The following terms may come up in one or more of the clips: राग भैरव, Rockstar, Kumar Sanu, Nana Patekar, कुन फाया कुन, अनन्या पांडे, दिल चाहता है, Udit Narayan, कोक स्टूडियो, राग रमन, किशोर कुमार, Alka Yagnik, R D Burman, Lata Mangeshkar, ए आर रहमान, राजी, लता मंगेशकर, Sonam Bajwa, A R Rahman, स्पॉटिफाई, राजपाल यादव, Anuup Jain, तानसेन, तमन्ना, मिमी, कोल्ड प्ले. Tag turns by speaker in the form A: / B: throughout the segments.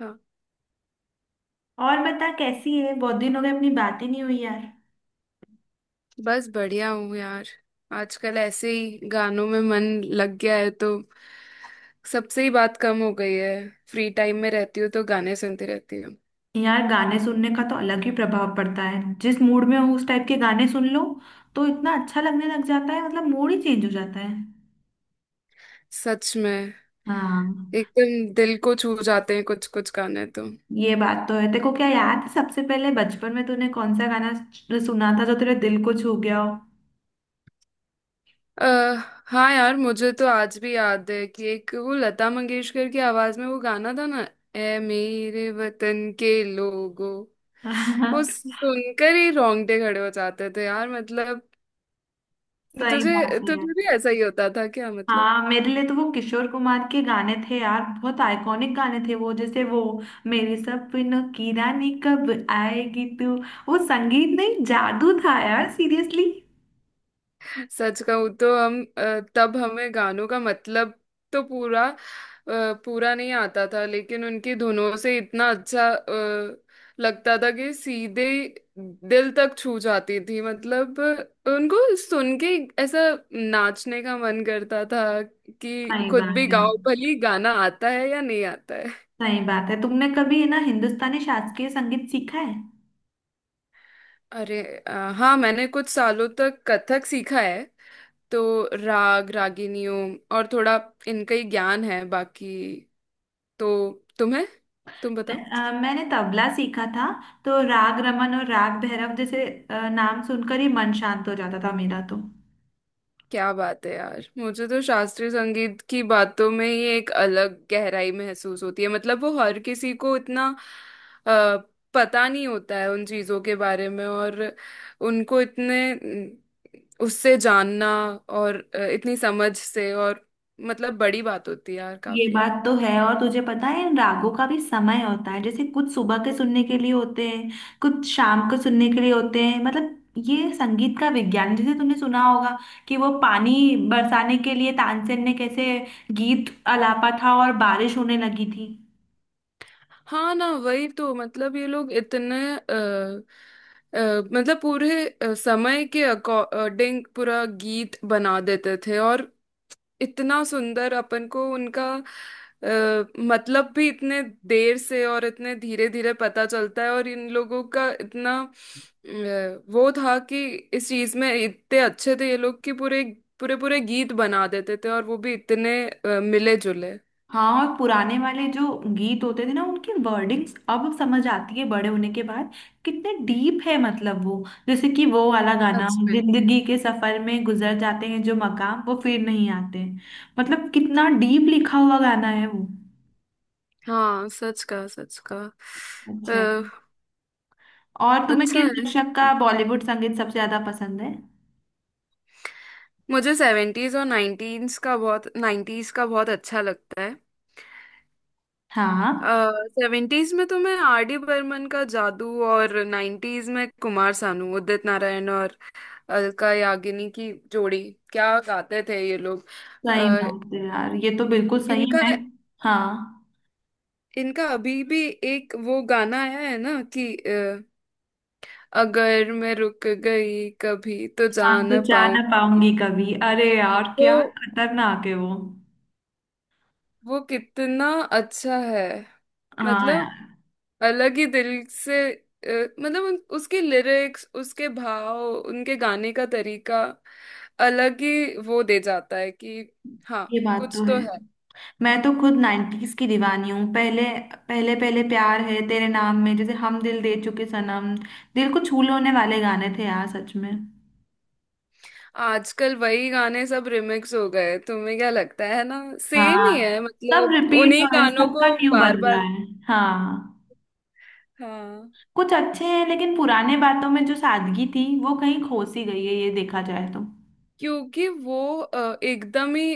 A: हाँ,
B: और बता, कैसी है? बहुत दिन हो गए, अपनी बात ही नहीं हुई यार।
A: बस बढ़िया हूँ यार। आजकल ऐसे ही गानों में मन लग गया है, तो सबसे ही बात कम हो गई है। फ्री टाइम में रहती हूँ तो गाने सुनती रहती हूँ।
B: यार, गाने सुनने का तो अलग ही प्रभाव पड़ता है। जिस मूड में हो, उस टाइप के गाने सुन लो तो इतना अच्छा लगने लग जाता है, मतलब मूड ही चेंज हो जाता है।
A: सच में,
B: हाँ।
A: एकदम दिल को छू जाते हैं कुछ कुछ गाने तो।
B: ये बात तो है। तेरे को क्या याद है, सबसे पहले बचपन में तूने कौन सा गाना सुना था जो तेरे दिल को छू गया हो?
A: अह हाँ यार, मुझे तो आज भी याद है कि एक वो लता मंगेशकर की आवाज में वो गाना था ना, ए मेरे वतन के लोगों। वो सुनकर ही रोंगटे खड़े हो जाते थे यार, मतलब
B: सही बात
A: तुझे
B: है यार।
A: तुझे भी ऐसा ही होता था क्या, मतलब?
B: हाँ, मेरे लिए तो वो किशोर कुमार के गाने थे यार, बहुत आइकॉनिक गाने थे वो। जैसे वो, मेरे सपनों की रानी कब आएगी तू। वो संगीत नहीं जादू था यार, सीरियसली।
A: सच कहूँ तो हम तब हमें गानों का मतलब तो पूरा पूरा नहीं आता था, लेकिन उनकी धुनों से इतना अच्छा लगता था कि सीधे ही दिल तक छू जाती थी। मतलब उनको सुन के ऐसा नाचने का मन करता था कि
B: सही
A: खुद
B: बात
A: भी
B: है यार,
A: गाओ, भली गाना आता है या नहीं आता है।
B: सही बात है। तुमने कभी ना हिंदुस्तानी शास्त्रीय संगीत सीखा है?
A: अरे हाँ, मैंने कुछ सालों तक कथक सीखा है, तो राग रागिनियों और थोड़ा इनका ही ज्ञान है बाकी। तो तुम्हें तुम बताओ।
B: मैंने तबला सीखा था, तो राग रमन और राग भैरव जैसे नाम सुनकर ही मन शांत हो जाता था मेरा तो।
A: क्या बात है यार, मुझे तो शास्त्रीय संगीत की बातों में ही एक अलग गहराई महसूस होती है। मतलब वो हर किसी को इतना अ, पता नहीं होता है उन चीजों के बारे में, और उनको इतने उससे जानना और इतनी समझ से, और मतलब बड़ी बात होती है यार
B: ये
A: काफी।
B: बात तो है। और तुझे पता है, इन रागों का भी समय होता है। जैसे कुछ सुबह के सुनने के लिए होते हैं, कुछ शाम को सुनने के लिए होते हैं। मतलब ये संगीत का विज्ञान, जैसे तुमने सुना होगा कि वो पानी बरसाने के लिए तानसेन ने कैसे गीत आलापा था और बारिश होने लगी थी।
A: हाँ ना, वही तो, मतलब ये लोग इतने मतलब पूरे समय के अकॉर्डिंग पूरा गीत बना देते थे, और इतना सुंदर अपन को उनका मतलब भी इतने देर से और इतने धीरे धीरे पता चलता है, और इन लोगों का इतना वो था कि इस चीज में इतने अच्छे थे ये लोग कि पूरे पूरे पूरे गीत बना देते थे, और वो भी इतने मिले जुले।
B: हाँ, और पुराने वाले जो गीत होते थे ना, उनकी वर्डिंग्स अब समझ आती है बड़े होने के बाद, कितने डीप है। मतलब वो, जैसे कि वो वाला गाना,
A: सच।
B: जिंदगी के सफर में गुजर जाते हैं जो मकाम, वो फिर नहीं आते। मतलब कितना डीप लिखा हुआ गाना है वो।
A: हाँ, सच का सच का।
B: अच्छा है।
A: अ,
B: और तुम्हें
A: अच्छा
B: किस
A: है।
B: दशक का बॉलीवुड संगीत सबसे ज्यादा पसंद है?
A: मुझे सेवेंटीज और नाइनटीन्स का बहुत नाइन्टीज का बहुत अच्छा लगता है।
B: हाँ,
A: सेवेंटीज में तो मैं आर डी बर्मन का जादू, और नाइन्टीज में कुमार सानू, उदित नारायण और अलका याग्निक की जोड़ी, क्या गाते थे ये लोग। अ,
B: सही बात है यार, ये तो बिल्कुल सही।
A: इनका
B: मैं, हाँ।
A: इनका अभी भी एक वो गाना आया है ना कि अगर मैं रुक गई कभी तो जा
B: हाँ, तो
A: ना
B: जा ना
A: पाऊंगी।
B: पाऊंगी कभी, अरे यार
A: वो
B: क्या खतरनाक है वो।
A: वो कितना अच्छा है,
B: हाँ
A: मतलब
B: यार,
A: अलग ही दिल से अ, मतलब उसके लिरिक्स, उसके भाव, उनके गाने का तरीका अलग ही वो दे जाता है कि। हाँ,
B: ये बात तो
A: कुछ तो
B: है।
A: है।
B: मैं तो खुद नाइन्टीज की दीवानी हूँ। पहले पहले पहले प्यार है तेरे नाम में, जैसे हम दिल दे चुके सनम। दिल को छू लेने वाले गाने थे यार, सच में।
A: आजकल वही गाने सब रिमिक्स हो गए, तुम्हें क्या लगता है ना सेम ही है,
B: हाँ, सब
A: मतलब
B: रिपीट
A: उन्हीं
B: हो रहे हैं,
A: गानों
B: सबका
A: को
B: न्यू बन
A: बार
B: रहा
A: बार।
B: है। हाँ,
A: हाँ।
B: कुछ अच्छे हैं, लेकिन पुराने बातों में जो सादगी थी वो कहीं खो सी गई है, ये देखा जाए तो।
A: क्योंकि वो एकदम ही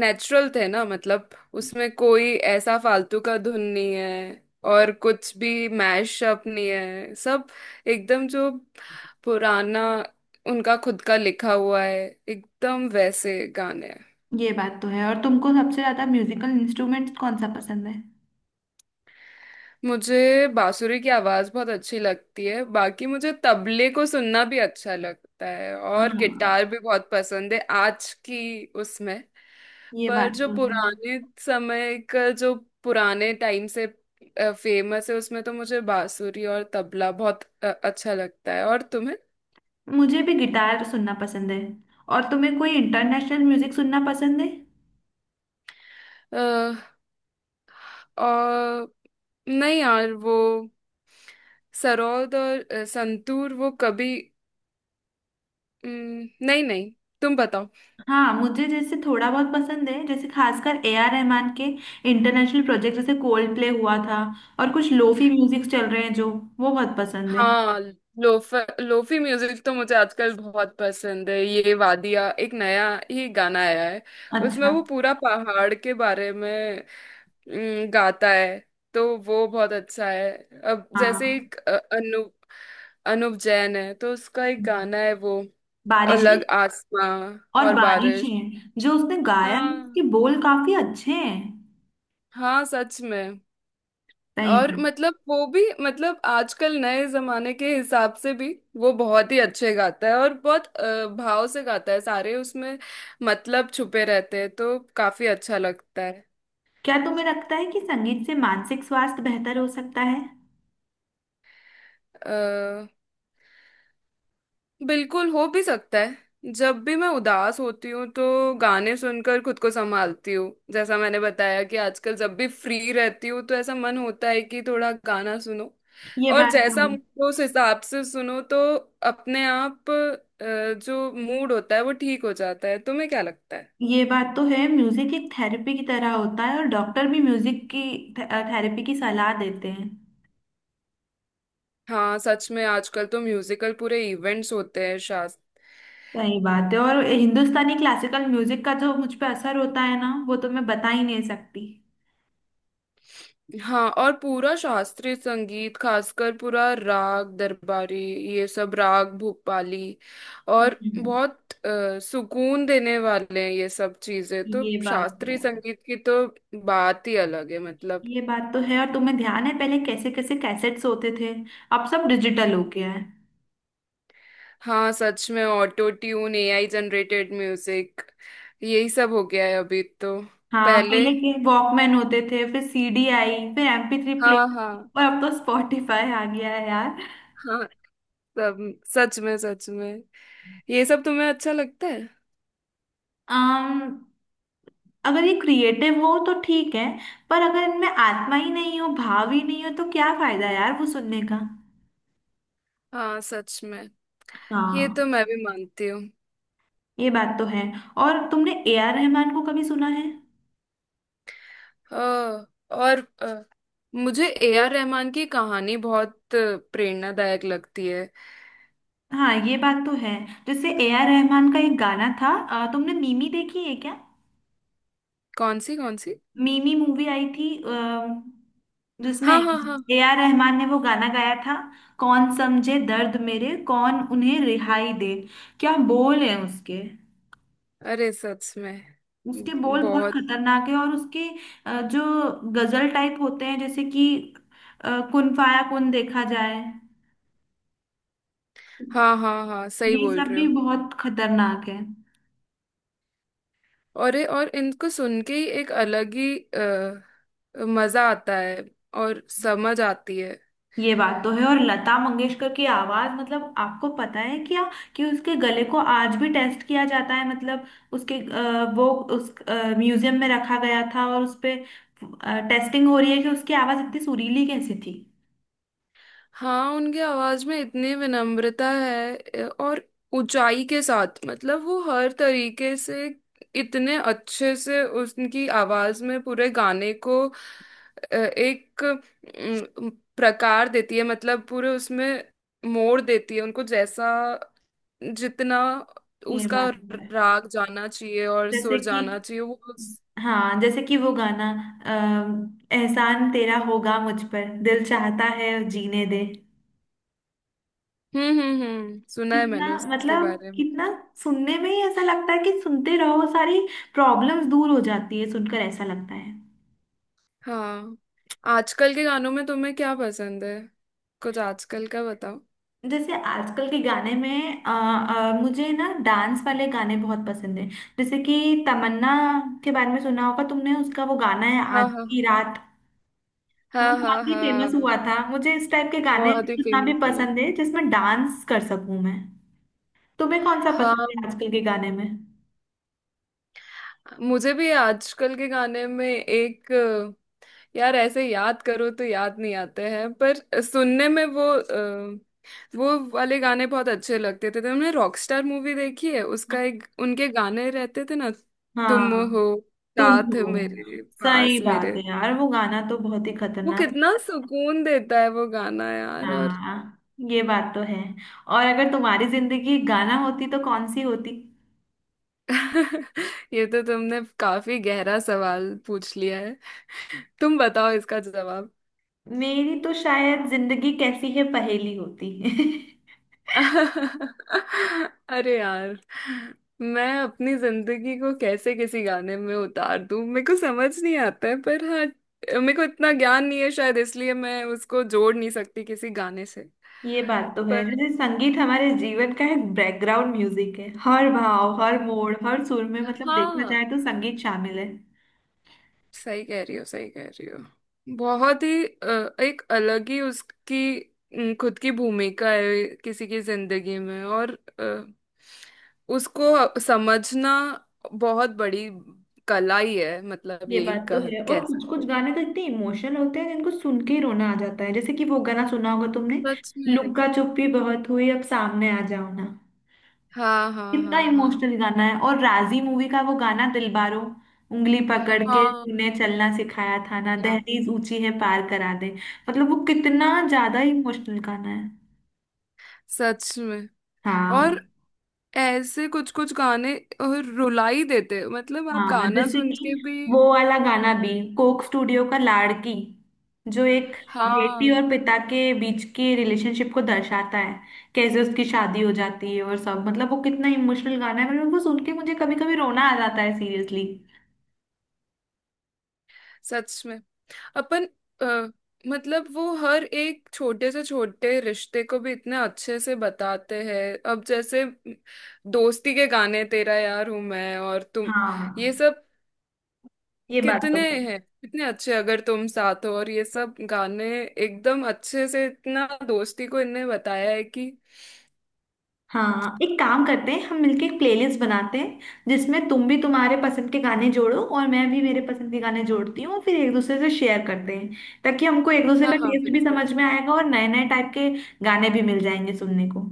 A: नेचुरल थे ना, मतलब उसमें कोई ऐसा फालतू का धुन नहीं है, और कुछ भी मैशअप नहीं है, सब एकदम जो पुराना उनका खुद का लिखा हुआ है, एकदम वैसे गाने।
B: ये बात तो है। और तुमको सबसे ज्यादा म्यूजिकल इंस्ट्रूमेंट्स कौन सा पसंद है?
A: मुझे बांसुरी की आवाज बहुत अच्छी लगती है, बाकी मुझे तबले को सुनना भी अच्छा लगता है, और
B: हाँ,
A: गिटार भी बहुत पसंद है आज की उसमें।
B: ये
A: पर
B: बात
A: जो
B: तो है।
A: पुराने समय का, जो पुराने टाइम से फेमस है, उसमें तो मुझे बांसुरी और तबला बहुत अच्छा लगता है। और तुम्हें?
B: मुझे भी गिटार सुनना पसंद है। और तुम्हें कोई इंटरनेशनल म्यूजिक सुनना पसंद है?
A: अ, और नहीं यार, वो सरोद और संतूर वो कभी नहीं नहीं। तुम बताओ।
B: हाँ, मुझे जैसे थोड़ा बहुत पसंद है। जैसे खासकर ए आर रहमान के इंटरनेशनल प्रोजेक्ट, जैसे कोल्ड प्ले हुआ था। और कुछ लोफी म्यूजिक चल रहे हैं जो, वो बहुत पसंद है।
A: हाँ, लोफ लोफी म्यूजिक तो मुझे आजकल बहुत पसंद है। ये वादिया, एक नया ही गाना आया है, उसमें
B: अच्छा।
A: वो पूरा पहाड़ के बारे में गाता है, तो वो बहुत अच्छा है। अब जैसे
B: हाँ,
A: एक अनुप जैन है, तो उसका एक गाना है वो,
B: बारिशें,
A: अलग आसमां
B: और
A: और बारिश।
B: बारिशें जो उसने गाया है उसके
A: हाँ,
B: बोल काफी अच्छे हैं।
A: हाँ, सच में।
B: सही
A: और
B: बात।
A: मतलब वो भी, मतलब आजकल नए जमाने के हिसाब से भी वो बहुत ही अच्छे गाता है, और बहुत भाव से गाता है सारे, उसमें मतलब छुपे रहते हैं, तो काफी अच्छा लगता
B: क्या तुम्हें लगता है कि संगीत से मानसिक स्वास्थ्य बेहतर हो सकता है?
A: है। बिल्कुल, हो भी सकता है। जब भी मैं उदास होती हूँ तो गाने सुनकर खुद को संभालती हूँ, जैसा मैंने बताया कि आजकल जब भी फ्री रहती हूँ तो ऐसा मन होता है कि थोड़ा गाना सुनो,
B: ये
A: और
B: बात तो
A: जैसा
B: है।
A: मूड हो उस हिसाब से सुनो, तो अपने आप जो मूड होता है वो ठीक हो जाता है। तुम्हें क्या लगता है?
B: ये बात तो है, म्यूजिक एक थेरेपी की तरह होता है, और डॉक्टर भी म्यूजिक की थेरेपी की सलाह देते हैं।
A: हाँ, सच में, आजकल तो म्यूजिकल पूरे इवेंट्स होते हैं शायद।
B: सही बात है। और हिंदुस्तानी क्लासिकल म्यूजिक का जो मुझ पे असर होता है ना, वो तो मैं बता ही नहीं सकती।
A: हाँ, और पूरा शास्त्रीय संगीत, खासकर पूरा राग दरबारी, ये सब, राग भूपाली और,
B: हम्म,
A: बहुत सुकून देने वाले हैं ये सब चीजें। तो
B: ये बात तो
A: शास्त्रीय
B: है।
A: संगीत की तो बात ही अलग है, मतलब।
B: ये बात तो है। और तुम्हें ध्यान है पहले कैसे कैसे कैसेट्स होते थे, अब सब डिजिटल हो गया है।
A: हाँ सच में, auto tune, AI generated music, यही सब हो गया है अभी तो।
B: हाँ,
A: पहले,
B: पहले के वॉकमैन होते थे, फिर सीडी आई, फिर MP3
A: हाँ,
B: प्लेयर।
A: हाँ,
B: और अब तो स्पॉटिफाई आ गया है यार।
A: हाँ। सब, सच में, सच में। ये सब तुम्हें अच्छा लगता है।
B: अम्म अगर ये क्रिएटिव हो तो ठीक है, पर अगर इनमें आत्मा ही नहीं हो, भाव ही नहीं हो, तो क्या फायदा यार वो सुनने का।
A: हाँ, सच में, ये तो
B: हाँ,
A: मैं भी मानती हूँ।
B: ये बात तो है। और तुमने ए आर रहमान को कभी सुना है?
A: अ, और मुझे ए आर रहमान की कहानी बहुत प्रेरणादायक लगती है।
B: हाँ, ये बात तो है। जैसे ए आर रहमान का एक गाना था, तुमने मिमी देखी है क्या?
A: कौन सी कौन सी?
B: मिमी मूवी आई थी, जिसमें
A: हाँ, हाँ, हाँ।
B: ए आर रहमान ने वो गाना गाया था, कौन समझे दर्द मेरे, कौन उन्हें रिहाई दे। क्या बोल है उसके।
A: अरे, सच में।
B: उसके बोल बहुत
A: बहुत।
B: खतरनाक है। और उसके जो गजल टाइप होते हैं, जैसे कि कुन फाया कुन, देखा जाए
A: हाँ, हाँ, हाँ, सही
B: ये
A: बोल
B: सब
A: रहे
B: भी
A: हो।
B: बहुत खतरनाक है।
A: अरे, और इनको सुन के ही एक अलग ही मजा आता है, और समझ आती है।
B: ये बात तो है। और लता मंगेशकर की आवाज, मतलब आपको पता है क्या कि उसके गले को आज भी टेस्ट किया जाता है। मतलब उसके वो, उस म्यूजियम में रखा गया था और उस पे टेस्टिंग हो रही है कि उसकी आवाज इतनी सुरीली कैसे थी।
A: हाँ, उनकी आवाज में इतनी विनम्रता है और ऊंचाई के साथ, मतलब वो हर तरीके से इतने अच्छे से उनकी आवाज में पूरे गाने को एक प्रकार देती है, मतलब पूरे उसमें मोड़ देती है उनको, जैसा जितना
B: ये
A: उसका
B: बात तो है।
A: राग जाना चाहिए और
B: जैसे
A: सुर
B: कि,
A: जाना चाहिए, वो
B: हाँ, जैसे कि वो गाना, एहसान तेरा होगा मुझ पर, दिल चाहता है जीने दे।
A: हम्म, हम्म, हम्म, सुना है
B: कितना
A: मैंने उसके
B: मतलब,
A: बारे में।
B: कितना सुनने में ही ऐसा लगता है कि सुनते रहो, सारी प्रॉब्लम्स दूर हो जाती है सुनकर, ऐसा लगता है।
A: हाँ, आजकल के गानों में तुम्हें क्या पसंद है? कुछ आजकल का बताओ।
B: जैसे आजकल के गाने में मुझे ना डांस वाले गाने बहुत पसंद है। जैसे कि तमन्ना के बारे में सुना होगा तुमने, उसका वो गाना है
A: हाँ,
B: आज
A: हाँ,
B: की रात, वो
A: हाँ, हाँ,
B: काफी फेमस
A: हाँ,
B: हुआ था। मुझे इस टाइप के गाने
A: बहुत ही
B: सुनना भी
A: फेमस हुआ है।
B: पसंद है जिसमें डांस कर सकूं मैं। तुम्हें कौन सा पसंद
A: हाँ,
B: है आजकल के गाने में?
A: मुझे भी आजकल के गाने में एक यार, ऐसे याद करो तो याद नहीं आते हैं, पर सुनने में वो वो वाले गाने बहुत अच्छे लगते थे। तुमने रॉकस्टार मूवी देखी है, उसका एक, उनके गाने रहते थे ना, तुम
B: हाँ,
A: हो
B: तुम
A: साथ
B: हो,
A: मेरे
B: सही
A: पास
B: बात
A: मेरे।
B: है यार, वो गाना तो बहुत ही
A: वो
B: खतरनाक है।
A: कितना सुकून देता है वो गाना यार, और
B: हाँ, ये बात तो है। और अगर तुम्हारी जिंदगी एक गाना होती तो कौन सी होती?
A: ये तो तुमने काफी गहरा सवाल पूछ लिया है। तुम बताओ इसका जवाब।
B: मेरी तो शायद, जिंदगी कैसी है पहेली होती।
A: अरे यार, मैं अपनी जिंदगी को कैसे किसी गाने में उतार दूं, मेरे को समझ नहीं आता है। पर हाँ, मेरे को इतना ज्ञान नहीं है शायद, इसलिए मैं उसको जोड़ नहीं सकती किसी गाने से।
B: ये बात तो है।
A: पर
B: जैसे संगीत हमारे जीवन का एक बैकग्राउंड म्यूजिक है, हर भाव, हर मोड़, हर सुर में, मतलब देखा
A: हाँ,
B: जाए तो संगीत शामिल है।
A: सही कह रही हो, सही कह रही हो। बहुत ही एक अलग ही उसकी खुद की भूमिका है किसी की जिंदगी में, और अ, उसको समझना बहुत बड़ी कला ही है, मतलब
B: ये
A: यही
B: बात तो है। और
A: कह
B: कुछ
A: सकते
B: कुछ
A: हैं।
B: गाने तो इतने इमोशनल होते हैं जिनको सुन के ही रोना आ जाता है। जैसे कि वो गाना सुना होगा तुमने,
A: सच में।
B: लुक्का चुप्पी बहुत हुई अब सामने आ जाओ ना,
A: हाँ, हाँ,
B: कितना
A: हाँ, हाँ,
B: इमोशनल गाना है। और राजी मूवी का वो गाना दिलबारो, उंगली पकड़ के
A: हाँ।
B: तूने चलना सिखाया था ना,
A: क्या?
B: दहलीज ऊंची है पार करा दे। मतलब वो कितना ज्यादा इमोशनल गाना है।
A: सच में।
B: हाँ,
A: और ऐसे कुछ कुछ गाने और रुला ही देते हैं। मतलब आप
B: हाँ,
A: गाना
B: जैसे
A: सुन
B: कि
A: के भी,
B: वो वाला गाना भी, कोक स्टूडियो का लाड़की, जो एक बेटी
A: हाँ
B: और पिता के बीच के रिलेशनशिप को दर्शाता है, कैसे उसकी शादी हो जाती है और सब। मतलब वो कितना इमोशनल गाना है, मतलब वो सुन के मुझे कभी कभी रोना आ जाता है, सीरियसली।
A: सच में, अपन अ, मतलब वो हर एक छोटे से छोटे रिश्ते को भी इतने अच्छे से बताते हैं। अब जैसे दोस्ती के गाने, तेरा यार हूं मैं, और तुम, ये
B: हाँ,
A: सब,
B: ये बात
A: कितने
B: तो है।
A: हैं, कितने अच्छे, अगर तुम साथ हो, और ये सब गाने एकदम अच्छे से, इतना दोस्ती को इनने बताया है कि।
B: हाँ, एक काम करते हैं, हम मिलके एक प्लेलिस्ट बनाते हैं जिसमें तुम भी तुम्हारे पसंद के गाने जोड़ो और मैं भी मेरे पसंद के गाने जोड़ती हूँ, फिर एक दूसरे से शेयर करते हैं। ताकि हमको एक दूसरे
A: हाँ,
B: का
A: हाँ,
B: टेस्ट भी
A: बिल्कुल।
B: समझ में आएगा और नए नए टाइप के गाने भी मिल जाएंगे सुनने को।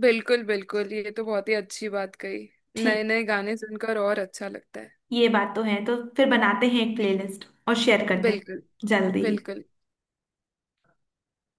A: बिल्कुल, बिल्कुल, ये तो बहुत ही अच्छी बात कही।
B: ठीक,
A: नए नए गाने सुनकर और अच्छा लगता है।
B: ये बात तो है। तो फिर बनाते हैं एक प्लेलिस्ट और शेयर करते हैं
A: बिल्कुल,
B: जल्दी ही।
A: बिल्कुल।